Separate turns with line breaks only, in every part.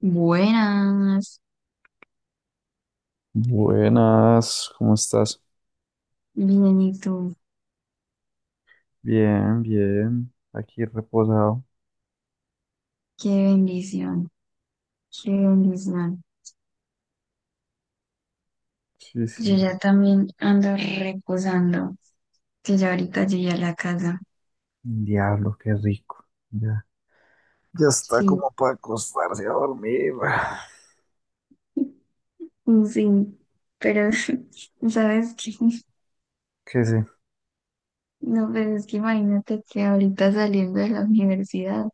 Buenas,
Buenas, ¿cómo estás?
bien, ¿y tú?
Bien, bien, aquí reposado.
Qué bendición, qué bendición.
Sí,
Yo
sí.
ya también ando reposando, que ya ahorita llegué a la casa.
Diablo, qué rico. Ya. Ya está
Sí,
como para acostarse a dormir.
mm, sí, pero ¿sabes qué?
¿Qué sé?
No, pero es que imagínate que ahorita saliendo de la universidad,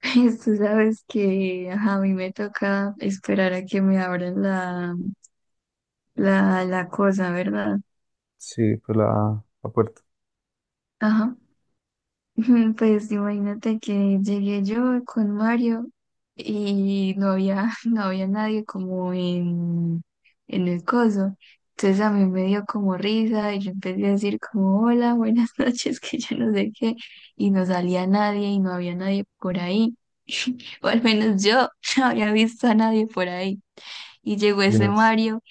tú sabes que ajá, a mí me toca esperar a que me abran la cosa, ¿verdad?
Sí, pues la puerta.
Ajá. Pues imagínate que llegué yo con Mario y no había, no había nadie como en el coso. Entonces a mí me dio como risa y yo empecé a decir como hola, buenas noches, que yo no sé qué. Y no salía nadie y no había nadie por ahí. O al menos yo no había visto a nadie por ahí. Y llegó ese
Dios.
Mario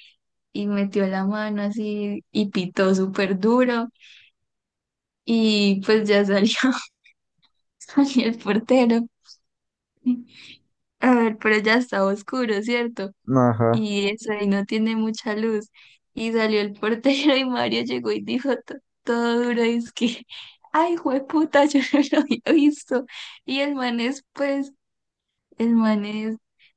y metió la mano así y pitó súper duro. Y pues ya salió, salió el portero. A ver, pero ya estaba oscuro, ¿cierto?
Ajá.
Y eso ahí no tiene mucha luz. Y salió el portero y Mario llegó y dijo todo duro, es que, ay, jueputa, yo no lo había visto. Y el man es, pues, el man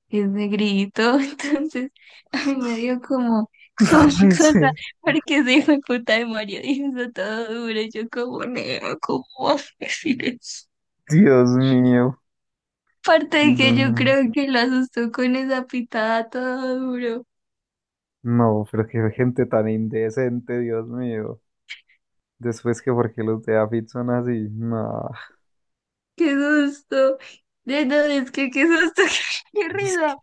es negrito, entonces a mí me dio como, como una
Ay, sí.
cosa, porque ese hijo de puta de Mario dijo eso todo duro, y yo como, negro, ¿cómo vas a decir eso?
Dios mío.
Aparte de que yo
No,
creo que lo asustó con esa pitada todo duro.
no, pero qué gente tan indecente, Dios mío. Después que porque los de Afit son así. No.
¡Qué susto! De no, es que qué susto, qué
Es que
risa.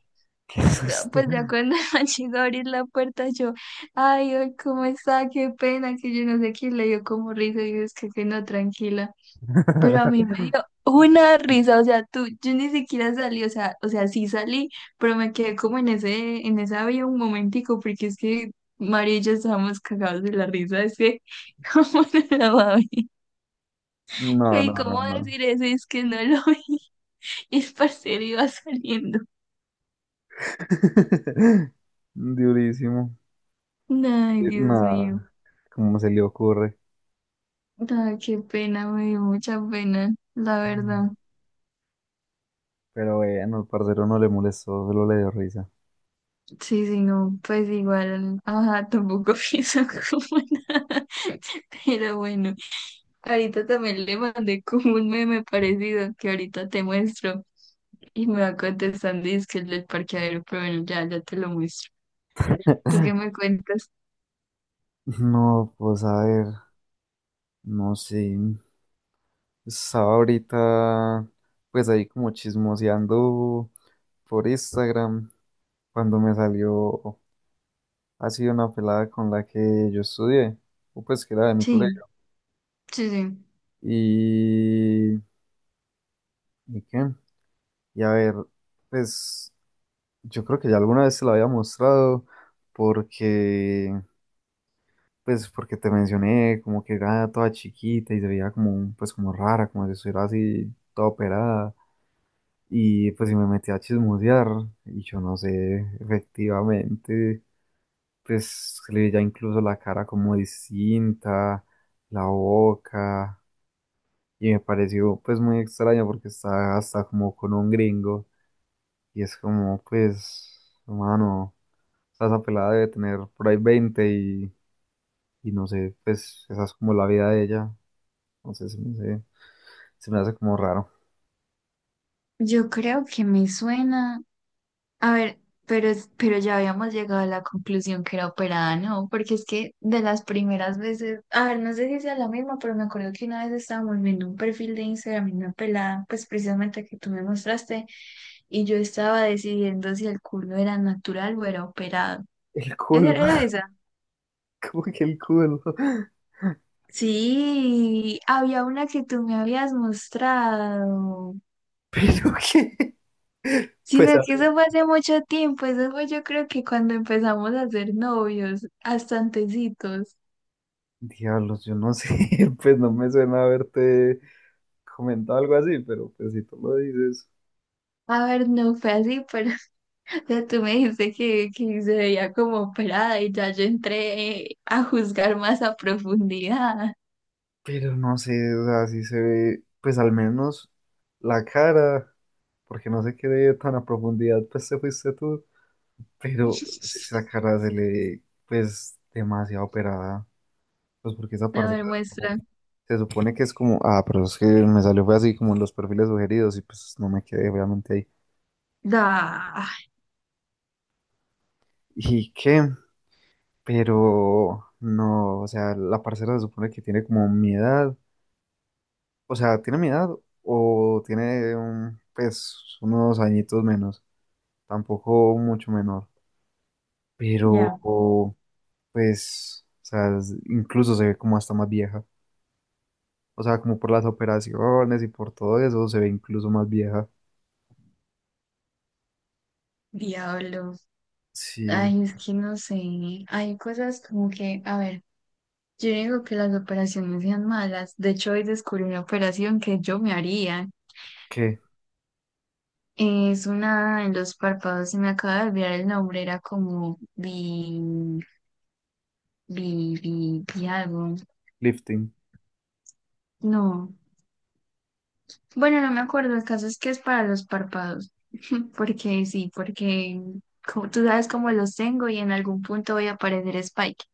qué
No,
susto.
pues ya cuando me llegó a abrir la puerta, yo, ay, ay, ¿cómo está? Qué pena, que yo no sé quién, le dio como risa. Y yo, es que no, tranquila. Pero a mí me dio una risa, o sea, tú, yo ni siquiera salí, o sea, sí salí, pero me quedé como en esa vía un momentico, porque es que María y yo estábamos cagados de la risa, es que, ¿cómo no la va a ver?
No,
¿Y
no, no,
cómo
no.
decir eso? Es que no lo vi, y el parcero iba saliendo.
Durísimo.
Ay, Dios mío,
Nada, ¿cómo se le ocurre?
ay, qué pena, me dio mucha pena, la
Mm.
verdad.
Pero bueno, el parcero no le molestó, solo le dio risa.
Sí, sí, no, pues igual, ajá, tampoco pienso como nada, pero bueno. Ahorita también le mandé como un meme parecido que ahorita te muestro y me va contestando y es que el del parqueadero, pero bueno, ya, ya te lo muestro. ¿Tú qué me cuentas?
No, pues a ver, no sé. Estaba ahorita, pues ahí como chismoseando por Instagram, cuando me salió así una pelada con la que yo estudié, o pues que era de mi
Sí,
colegio.
sí, sí.
Y, ¿y qué? Y a ver, pues. Yo creo que ya alguna vez te la había mostrado porque, porque te mencioné como que era toda chiquita y se veía como, pues, como rara, como si estuviera así toda operada. Y pues, si me metí a chismosear y yo no sé, efectivamente, pues, se le veía incluso la cara como distinta, la boca. Y me pareció, pues, muy extraño porque está hasta como con un gringo y es como, pues, humano. Sea, esa pelada debe tener por ahí 20 y no sé, pues esa es como la vida de ella. Entonces hace, se me hace como raro.
Yo creo que me suena. A ver, pero, pero ya habíamos llegado a la conclusión que era operada, ¿no? Porque es que de las primeras veces, a ver, no sé si sea la misma, pero me acuerdo que una vez estábamos viendo un perfil de Instagram y una pelada, pues precisamente que tú me mostraste, y yo estaba decidiendo si el culo era natural o era operado.
El
¿Esa
culo,
era esa?
como que el culo.
Sí, había una que tú me habías mostrado.
Pero que, pues
Sino
a
que eso
ver,
fue hace mucho tiempo, eso fue yo creo que cuando empezamos a ser novios, hasta antecitos.
diablos, yo no sé, pues no me suena haberte comentado algo así, pero pues si tú lo dices.
A ver, no fue así, pero o sea, tú me dijiste que se veía como operada y ya yo entré a juzgar más a profundidad.
Pero no sé, o sea, si se ve, pues al menos la cara, porque no sé qué de tan a profundidad, pues te fuiste tú. Pero si esa cara se le, pues, demasiado operada. Pues porque esa
A
parte
ver, muestra.
se supone que es como, ah, pero es que me salió fue así como en los perfiles sugeridos y pues no me quedé obviamente ahí.
Da,
¿Y qué? Pero no, o sea, la parcera se supone que tiene como mi edad, o sea, tiene mi edad o tiene pues unos añitos menos, tampoco mucho menor, pero
ya,
pues, o sea, incluso se ve como hasta más vieja. O sea, como por las operaciones y por todo eso, se ve incluso más vieja.
diablo.
Sí,
Ay, es que no sé. Hay cosas como que, a ver, yo digo que las operaciones sean malas. De hecho, hoy descubrí una operación que yo me haría.
¿qué?
Es una en los párpados, se me acaba de olvidar el nombre, era como bi algo.
Lifting.
No. Bueno, no me acuerdo, el caso es que es para los párpados, porque sí, porque como, tú sabes cómo los tengo y en algún punto voy a aparecer Spike.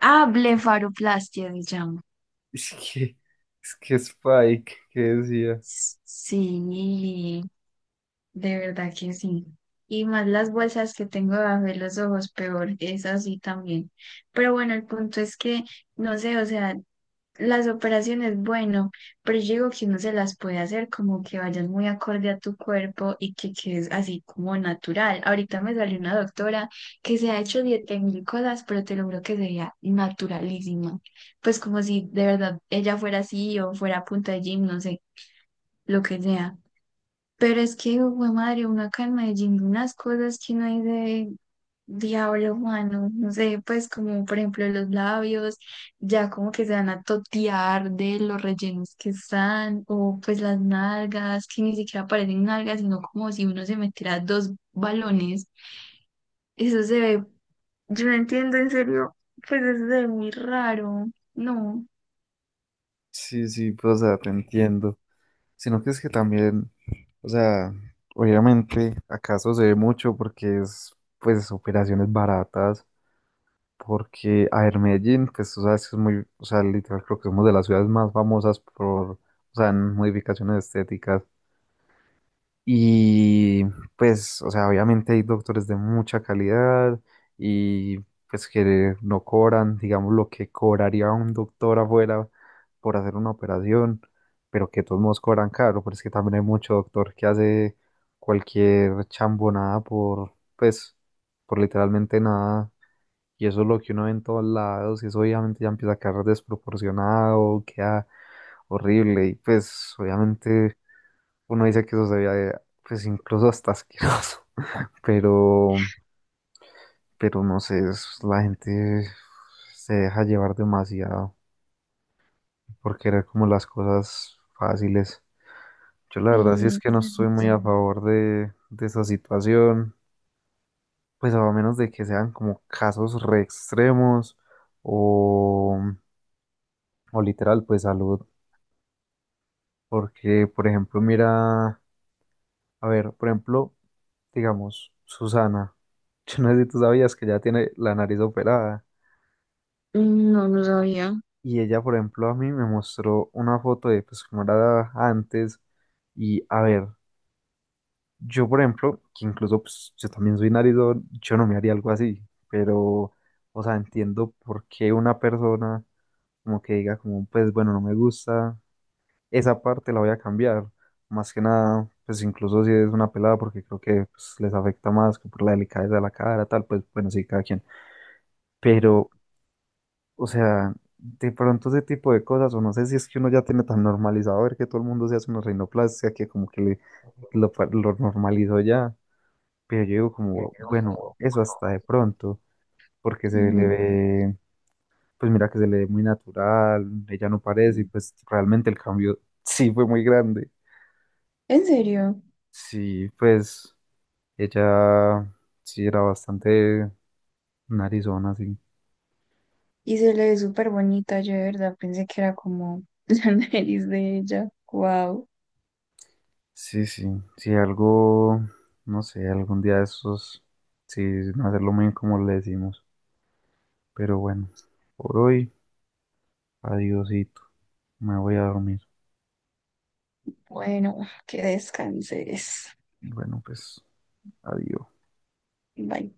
Ah, blefaroplastia se llama.
Es que, es que Spike, ¿qué decía?
Sí, de verdad que sí. Y más las bolsas que tengo debajo de los ojos, peor, es así también. Pero bueno, el punto es que, no sé, o sea, las operaciones, bueno, pero yo digo que uno se las puede hacer como que vayan muy acorde a tu cuerpo y que quedes así como natural. Ahorita me salió una doctora que se ha hecho 10.000 cosas, pero te lo juro que sería naturalísima. Pues como si de verdad ella fuera así o fuera a punta de gym, no sé, lo que sea. Pero es que, güey, madre, uno acá en Medellín, ve unas cosas que no hay de diablo humano, no sé, pues como por ejemplo los labios, ya como que se van a totear de los rellenos que están, o pues las nalgas, que ni siquiera parecen nalgas, sino como si uno se metiera dos balones. Eso se ve, yo no entiendo, en serio, pues eso se ve muy raro, no,
Sí, sí, pues, o sea, te entiendo. Sino que es que también, o sea, obviamente, acaso se ve mucho porque es, pues, operaciones baratas. Porque, a ver, Medellín, pues, tú sabes que es muy, o sea, literal, creo que somos de las ciudades más famosas por, o sea, en modificaciones estéticas. Y pues, o sea, obviamente hay doctores de mucha calidad y pues que no cobran, digamos, lo que cobraría un doctor afuera por hacer una operación, pero que de todos modos cobran caro, pero es que también hay mucho doctor que hace cualquier chambonada por literalmente nada. Y eso es lo que uno ve en todos lados, y eso obviamente ya empieza a quedar desproporcionado, queda horrible, y pues obviamente uno dice que eso se veía, pues incluso hasta asqueroso, pero, pero no sé, la gente se deja llevar demasiado por querer como las cosas fáciles. Yo la verdad sí es
y
que no
pues, no
estoy muy
sé,
a favor de esa situación, pues a menos de que sean como casos re extremos o, o literal, pues salud, porque por ejemplo, mira. A ver, por ejemplo, digamos, Susana. Yo no sé si tú sabías que ya tiene la nariz operada.
no, no sabía.
Y ella, por ejemplo, a mí me mostró una foto de pues cómo era antes. Y a ver, yo, por ejemplo, que incluso pues yo también soy narizón, yo no me haría algo así. Pero, o sea, entiendo por qué una persona como que diga como, pues bueno, no me gusta. Esa parte la voy a cambiar. Más que nada, pues incluso si es una pelada, porque creo que pues, les afecta más que por la delicadeza de la cara, tal, pues bueno, sí, cada quien. Pero, o sea, de pronto ese tipo de cosas, o no sé si es que uno ya tiene tan normalizado ver que todo el mundo se hace una rinoplastia, que como que lo normalizó ya. Pero yo digo como, bueno, eso hasta de pronto, porque se le
Ujú. Porque,
ve, pues mira que se le ve muy natural, ella no parece, y
mm,
pues realmente el cambio sí fue muy grande.
¿en serio?
Sí, pues. Ella sí era bastante narizona, sí.
Y se le ve súper bonita, yo de verdad pensé que era como la nariz de ella. Wow.
Sí, sí, sí, algo, no sé, algún día de esos, sí, hacerlo muy como le decimos. Pero bueno, por hoy, adiosito, me voy a dormir.
Bueno, que descanses.
Bueno, pues, adiós.
Bye.